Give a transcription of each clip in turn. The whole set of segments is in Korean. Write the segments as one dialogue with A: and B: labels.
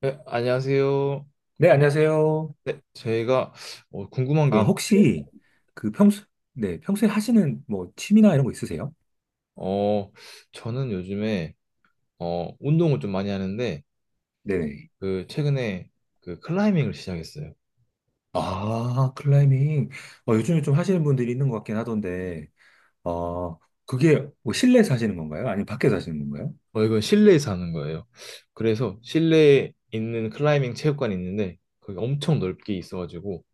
A: 네, 안녕하세요.
B: 네, 안녕하세요.
A: 네, 저희가 궁금한 게,
B: 아, 혹시 그 평소, 네, 평소에 하시는 뭐 취미나 이런 거 있으세요?
A: 어, 저는 요즘에 운동을 좀 많이 하는데,
B: 네네.
A: 그 최근에 그 클라이밍을 시작했어요.
B: 아, 클라이밍. 요즘에 좀 하시는 분들이 있는 것 같긴 하던데, 어, 그게 뭐 실내에서 하시는 건가요? 아니면 밖에서 하시는 건가요?
A: 이건 실내에서 하는 거예요. 그래서 실내에 있는 클라이밍 체육관이 있는데, 거기 엄청 넓게 있어가지고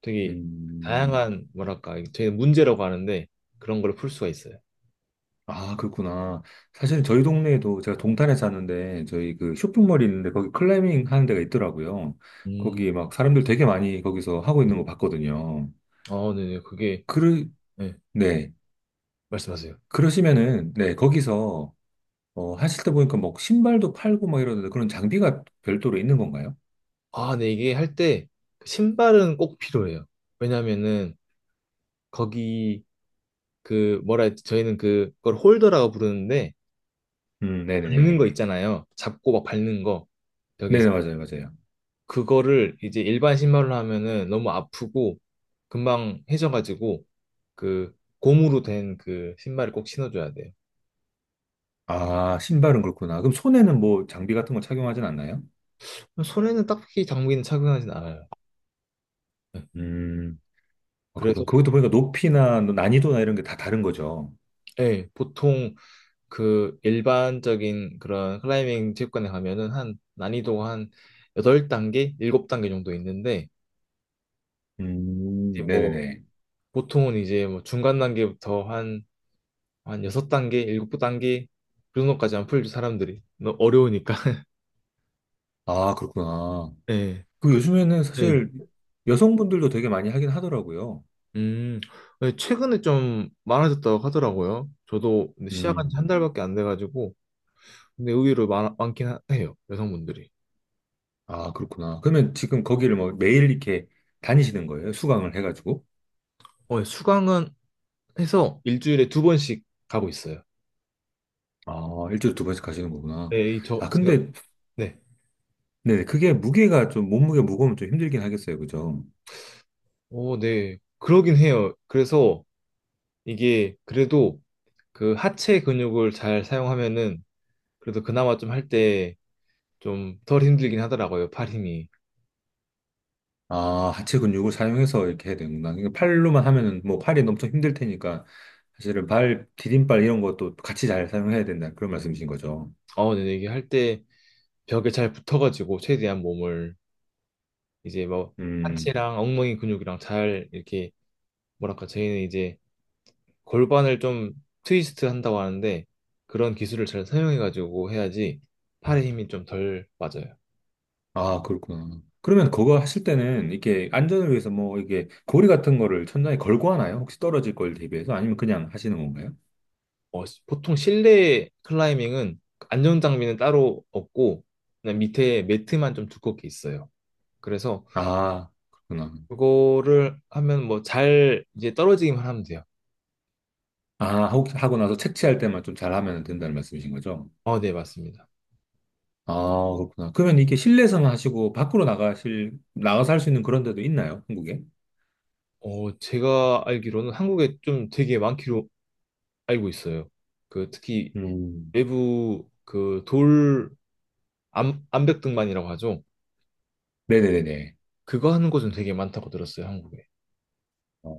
A: 되게
B: 음,
A: 다양한, 뭐랄까, 저희는 문제라고 하는데 그런 걸 풀 수가 있어요.
B: 아, 그렇구나. 사실 저희 동네에도 제가 동탄에 사는데, 저희 그 쇼핑몰이 있는데, 거기 클라이밍 하는 데가 있더라고요.
A: 음,
B: 거기 막 사람들 되게 많이 거기서 하고 있는 거 봤거든요.
A: 아 네네, 그게.
B: 그러,
A: 네,
B: 네.
A: 말씀하세요.
B: 그러시면은, 네, 거기서 하실 때 보니까 뭐 신발도 팔고 막 이러는데 그런 장비가 별도로 있는 건가요?
A: 아, 네, 이게 할때 그 신발은 꼭 필요해요. 왜냐면은 거기, 그 뭐라 했지? 저희는 그걸 홀더라고 부르는데, 밟는
B: 네네네.
A: 거 있잖아요. 잡고 막 밟는 거.
B: 네네,
A: 벽에서.
B: 맞아요, 맞아요.
A: 그거를 이제 일반 신발로 하면은 너무 아프고 금방 해져가지고 그 고무로 된 그 신발을 꼭 신어줘야 돼요.
B: 아, 신발은 그렇구나. 그럼 손에는 뭐 장비 같은 거 착용하진 않나요?
A: 손에는 딱히 장비는 착용하진 않아요. 네.
B: 음, 아,
A: 그래서,
B: 그렇구나. 그것도 보니까 높이나 뭐 난이도나 이런 게 다 다른 거죠.
A: 예, 보통 그 일반적인 그런 클라이밍 체육관에 가면은 한 난이도가 한 8단계, 7단계 정도 있는데, 이제 뭐
B: 네네네.
A: 보통은 이제 뭐 중간 단계부터 한, 한 6단계, 7단계, 그 정도까지 안 풀죠, 사람들이. 너무 어려우니까.
B: 아, 그렇구나.
A: 네,
B: 그 요즘에는
A: 네.
B: 사실 여성분들도 되게 많이 하긴 하더라고요.
A: 음, 네, 최근에 좀 많아졌다고 하더라고요. 저도 근데 시작한 지 한
B: 음,
A: 달밖에 안 돼가지고, 근데 의외로 많긴 해요, 여성분들이.
B: 아, 그렇구나. 그러면 지금 거기를 뭐 매일 이렇게 다니시는 거예요? 수강을 해가지고?
A: 수강은 해서 일주일에 2번씩 가고 있어요.
B: 아, 일주일에 두 번씩 가시는 거구나.
A: 네,
B: 아, 근데,
A: 네.
B: 네, 그게 무게가 좀, 몸무게 무거우면 좀 힘들긴 하겠어요. 그죠?
A: 오, 네. 그러긴 해요. 그래서 이게 그래도 그 하체 근육을 잘 사용하면은, 그래서 그나마 좀 할 때 좀 덜 힘들긴 하더라고요, 팔 힘이.
B: 아, 하체 근육을 사용해서 이렇게 해야 되는구나. 그러니까 팔로만 하면은 뭐 팔이 엄청 힘들 테니까, 사실은 발, 디딤발 이런 것도 같이 잘 사용해야 된다. 그런 말씀이신 거죠.
A: 근데 이게 할 때 벽에 잘 붙어가지고 최대한 몸을 이제 뭐
B: 음,
A: 하체랑 엉덩이 근육이랑 잘 이렇게, 뭐랄까 저희는 이제 골반을 좀 트위스트 한다고 하는데, 그런 기술을 잘 사용해가지고 해야지 팔의 힘이 좀 덜 빠져요.
B: 아, 그렇구나. 그러면 그거 하실 때는 이렇게 안전을 위해서 뭐 이게 고리 같은 거를 천장에 걸고 하나요? 혹시 떨어질 걸 대비해서? 아니면 그냥 하시는 건가요?
A: 보통 실내 클라이밍은 안전 장비는 따로 없고 그냥 밑에 매트만 좀 두껍게 있어요. 그래서
B: 아, 그렇구나.
A: 그거를 하면 뭐 잘 이제 떨어지기만 하면 돼요.
B: 아, 하고 나서 채취할 때만 좀 잘하면 된다는 말씀이신 거죠?
A: 어, 네, 맞습니다.
B: 아, 그렇구나. 그러면 이게 실내에서만 하시고 밖으로 나가실, 나가서 할 수 있는 그런 데도 있나요? 한국에?
A: 제가 알기로는 한국에 좀 되게 많기로 알고 있어요. 그 특히
B: 음.
A: 외부 그 돌, 암, 암벽등반이라고 하죠.
B: 네네네네.
A: 그거 하는 곳은 되게 많다고 들었어요, 한국에.
B: 어,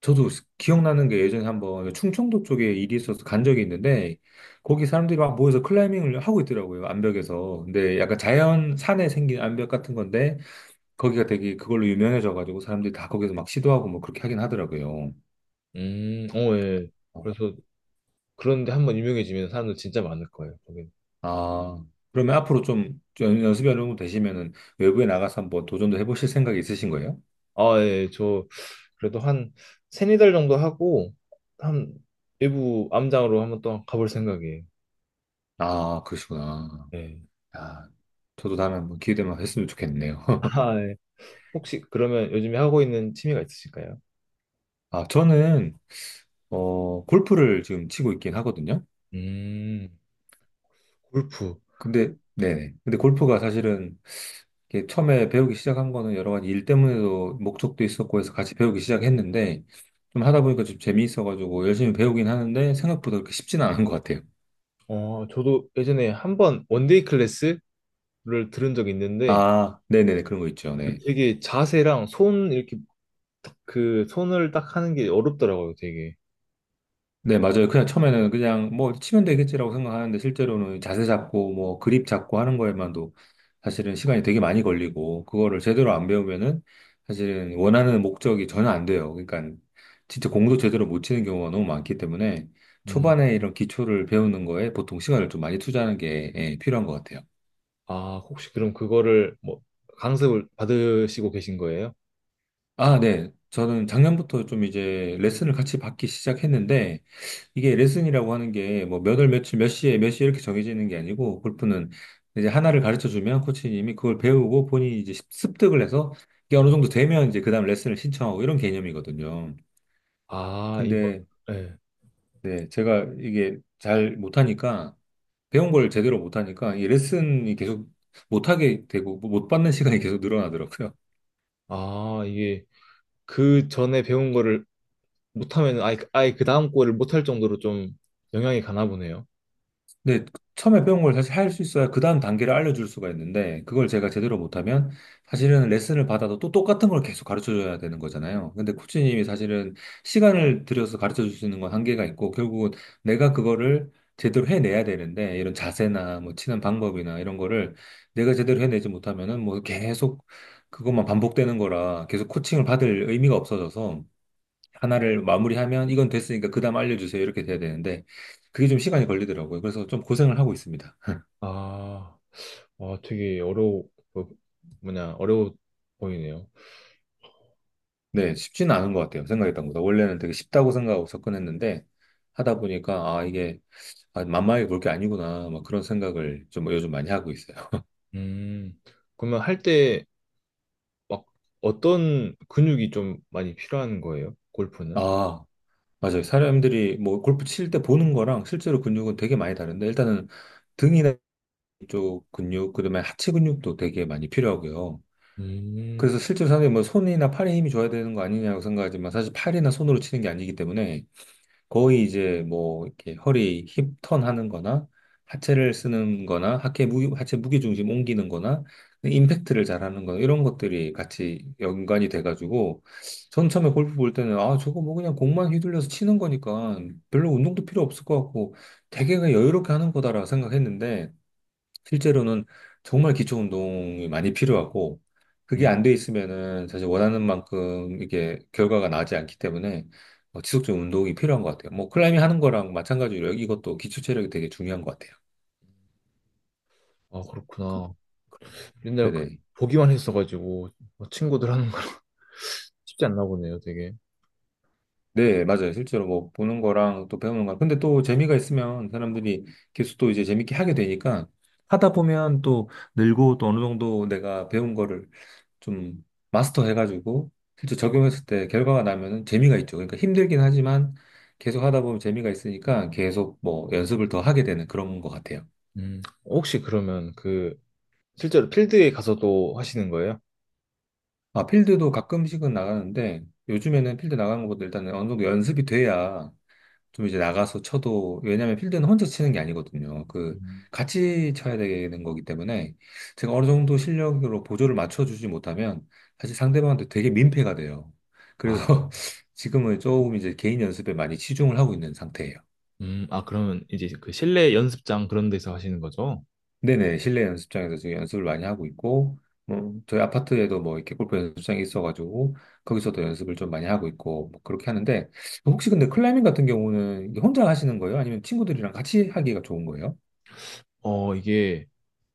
B: 저도 기억나는 게 예전에 한번 충청도 쪽에 일이 있어서 간 적이 있는데 거기 사람들이 막 모여서 클라이밍을 하고 있더라고요. 암벽에서. 근데 약간 자연 산에 생긴 암벽 같은 건데 거기가 되게 그걸로 유명해져가지고 사람들이 다 거기서 막 시도하고 뭐 그렇게 하긴 하더라고요.
A: 어, 예. 그래서, 그런데 한번 유명해지면 사람들 진짜 많을 거예요, 거기.
B: 아, 그러면 앞으로 좀 연습이 어느 정도 되시면은 외부에 나가서 한번 도전도 해보실 생각이 있으신 거예요?
A: 아, 예. 저, 그래도 한 세네 달 정도 하고 한 외부 암장으로 한번 또 가볼 생각이에요.
B: 아, 그러시구나.
A: 예.
B: 아, 저도 다음에 한번 기회 되면 했으면 좋겠네요.
A: 아, 예. 혹시 그러면 요즘에 하고 있는 취미가 있으실까요?
B: 아, 저는, 골프를 지금 치고 있긴 하거든요.
A: 음, 골프.
B: 근데, 네네. 근데 골프가 사실은 이게 처음에 배우기 시작한 거는 여러 가지 일 때문에도 목적도 있었고 해서 같이 배우기 시작했는데 좀 하다 보니까 좀 재미있어가지고 열심히 배우긴 하는데 생각보다 그렇게 쉽지는 않은 것 같아요.
A: 저도 예전에 한번 원데이 클래스를 들은 적이 있는데,
B: 아, 네네네. 그런 거 있죠.
A: 그
B: 네.
A: 되게 자세랑 손 이렇게 딱, 그 손을 딱 하는 게 어렵더라고요, 되게.
B: 네, 맞아요. 그냥 처음에는 그냥 뭐 치면 되겠지라고 생각하는데 실제로는 자세 잡고 뭐 그립 잡고 하는 거에만도 사실은 시간이 되게 많이 걸리고 그거를 제대로 안 배우면은 사실은 원하는 목적이 전혀 안 돼요. 그러니까 진짜 공도 제대로 못 치는 경우가 너무 많기 때문에
A: 음.
B: 초반에 이런 기초를 배우는 거에 보통 시간을 좀 많이 투자하는 게 예, 필요한 것 같아요.
A: 아, 혹시 그럼 그거를 뭐 강습을 받으시고 계신 거예요?
B: 아, 네. 저는 작년부터 좀 이제 레슨을 같이 받기 시작했는데, 이게 레슨이라고 하는 게 뭐 몇 월 며칠 몇 시에 몇 시 이렇게 정해지는 게 아니고, 골프는 이제 하나를 가르쳐 주면 코치님이 그걸 배우고 본인이 이제 습득을 해서 이게 어느 정도 되면 이제 그 다음 레슨을 신청하고 이런 개념이거든요.
A: 아, 이거,
B: 근데
A: 네.
B: 네, 제가 이게 잘 못하니까, 배운 걸 제대로 못하니까 이 레슨이 계속 못하게 되고 뭐 못 받는 시간이 계속 늘어나더라고요.
A: 아, 이게 그 전에 배운 거를 못하면 아예 그 다음 거를 못할 정도로 좀 영향이 가나 보네요.
B: 근데 처음에 배운 걸 사실 할 수 있어야 그 다음 단계를 알려줄 수가 있는데 그걸 제가 제대로 못하면 사실은 레슨을 받아도 또 똑같은 걸 계속 가르쳐줘야 되는 거잖아요. 근데 코치님이 사실은 시간을 들여서 가르쳐줄 수 있는 건 한계가 있고 결국은 내가 그거를 제대로 해내야 되는데 이런 자세나 뭐 치는 방법이나 이런 거를 내가 제대로 해내지 못하면은 뭐 계속 그것만 반복되는 거라 계속 코칭을 받을 의미가 없어져서 하나를 마무리하면 이건 됐으니까 그 다음 알려주세요. 이렇게 돼야 되는데 그게 좀 시간이 걸리더라고요. 그래서 좀 고생을 하고 있습니다.
A: 아. 아, 되게 뭐, 어려워 보이네요.
B: 네, 쉽지는 않은 것 같아요. 생각했던 것보다. 원래는 되게 쉽다고 생각하고 접근했는데 하다 보니까 아, 이게 아, 만만하게 볼 게 아니구나. 막 그런 생각을 좀 요즘 많이 하고 있어요.
A: 음, 그러면 할 때 막 어떤 근육이 좀 많이 필요한 거예요? 골프는?
B: 아, 맞아요. 사람들이 뭐 골프 칠 때 보는 거랑 실제로 근육은 되게 많이 다른데 일단은 등이나 이쪽 근육, 그다음에 하체 근육도 되게 많이 필요하고요.
A: 음,
B: 그래서 실제로 사람들이 뭐 손이나 팔에 힘이 줘야 되는 거 아니냐고 생각하지만 사실 팔이나 손으로 치는 게 아니기 때문에 거의 이제 뭐 이렇게 허리 힙턴 하는 거나 하체를 쓰는 거나 하체 무게, 하체 무게 중심 옮기는 거나 임팩트를 잘하는 거나 이런 것들이 같이 연관이 돼가지고 전 처음에 골프 볼 때는 아 저거 뭐 그냥 공만 휘둘려서 치는 거니까 별로 운동도 필요 없을 것 같고 되게 그냥 여유롭게 하는 거다라고 생각했는데 실제로는 정말 기초 운동이 많이 필요하고 그게
A: 음.
B: 안 돼 있으면은 사실 원하는 만큼 이게 결과가 나지 않기 때문에 지속적인 운동이 필요한 것 같아요. 뭐 클라이밍 하는 거랑 마찬가지로 이것도 기초 체력이 되게 중요한 것 같아요.
A: 아, 그렇구나. 맨날
B: 네네.
A: 보기만 했어가지고 뭐 친구들 하는 거 쉽지 않나 보네요, 되게.
B: 네, 맞아요. 실제로 뭐 보는 거랑 또 배우는 거랑. 근데 또 재미가 있으면 사람들이 계속 또 이제 재밌게 하게 되니까 하다 보면 또 늘고 또 어느 정도 내가 배운 거를 좀 마스터해가지고 실제 적용했을 때 결과가 나면은 재미가 있죠. 그러니까 힘들긴 하지만 계속 하다 보면 재미가 있으니까 계속 뭐 연습을 더 하게 되는 그런 것 같아요.
A: 혹시 그러면 그 실제로 필드에 가서도 하시는 거예요?
B: 아, 필드도 가끔씩은 나가는데 요즘에는 필드 나가는 것보다 일단은 어느 정도 연습이 돼야 좀 이제 나가서 쳐도, 왜냐면 필드는 혼자 치는 게 아니거든요. 그,
A: 음.
B: 같이 쳐야 되는 거기 때문에 제가 어느 정도 실력으로 보조를 맞춰주지 못하면 사실 상대방한테 되게 민폐가 돼요.
A: 아,
B: 그래서 지금은 조금 이제 개인 연습에 많이 치중을 하고 있는 상태예요.
A: 아, 그러면 이제 그 실내 연습장 그런 데서 하시는 거죠?
B: 네네, 실내 연습장에서 지금 연습을 많이 하고 있고, 뭐, 저희 아파트에도 뭐 이렇게 골프 연습장이 있어가지고, 거기서도 연습을 좀 많이 하고 있고, 뭐 그렇게 하는데, 혹시 근데 클라이밍 같은 경우는 혼자 하시는 거예요? 아니면 친구들이랑 같이 하기가 좋은 거예요?
A: 이게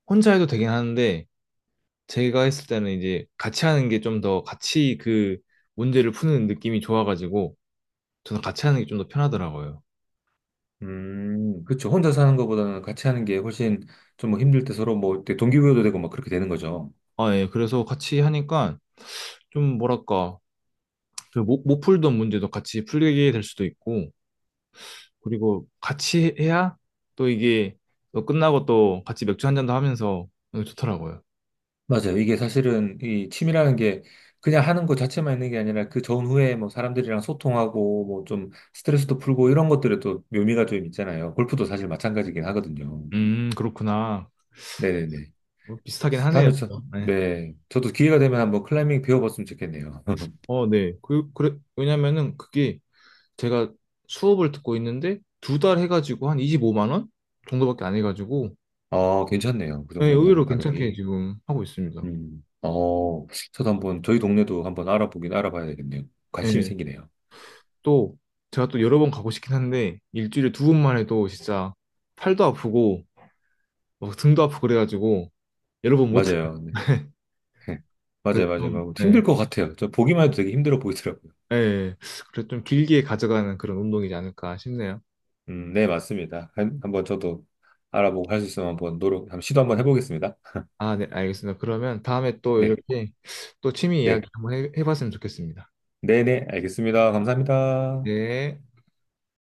A: 혼자 해도 되긴 하는데, 제가 했을 때는 이제 같이 하는 게 좀 더, 같이 그 문제를 푸는 느낌이 좋아가지고 저는 같이 하는 게 좀 더 편하더라고요.
B: 그쵸. 혼자 사는 것보다는 같이 하는 게 훨씬 좀뭐 힘들 때 서로 뭐 이렇게 동기부여도 되고 막 그렇게 되는 거죠.
A: 아, 예. 그래서 같이 하니까 좀, 뭐랄까, 그 못 풀던 문제도 같이 풀게 될 수도 있고, 그리고 같이 해야 또 이게, 또 끝나고 또 같이 맥주 한 잔도 하면서, 좋더라고요.
B: 맞아요. 이게 사실은 이 취미라는 게 그냥 하는 것 자체만 있는 게 아니라 그 전후에 뭐 사람들이랑 소통하고 뭐 좀 스트레스도 풀고 이런 것들에 또 묘미가 좀 있잖아요. 골프도 사실 마찬가지긴 하거든요.
A: 그렇구나.
B: 네네네.
A: 뭐 비슷하긴 하네요.
B: 다음에
A: 네.
B: 네. 저도 기회가 되면 한번 클라이밍 배워봤으면 좋겠네요.
A: 어, 네. 그래, 왜냐면은 그게 제가 수업을 듣고 있는데 2달 해가지고 한 25만 원 정도밖에 안 해가지고.
B: 괜찮네요. 그
A: 네,
B: 정도면
A: 의외로 괜찮게
B: 가격이.
A: 지금 하고 있습니다.
B: 음. 저도 한번 저희 동네도 한번 알아보긴 알아봐야 되겠네요. 관심이
A: 네.
B: 생기네요.
A: 또 제가 또 여러 번 가고 싶긴 한데 일주일에 2번만 해도 진짜 팔도 아프고 막 등도 아프고 그래가지고 여러 번 못해.
B: 맞아요. 네. 맞아요,
A: 그래서
B: 맞아요.
A: 좀,
B: 뭐 힘들
A: 네.
B: 것 같아요. 저 보기만 해도 되게 힘들어 보이더라고요.
A: 네. 그래서 좀 길게 가져가는 그런 운동이지 않을까 싶네요.
B: 네, 맞습니다. 한번 저도 알아보고 할 수 있으면 한번 노력, 한번 시도 한번 해보겠습니다.
A: 아, 네, 알겠습니다. 그러면 다음에 또
B: 네,
A: 이렇게 또 취미 이야기
B: 네,
A: 한번 해봤으면 좋겠습니다.
B: 네, 네, 알겠습니다. 감사합니다.
A: 네.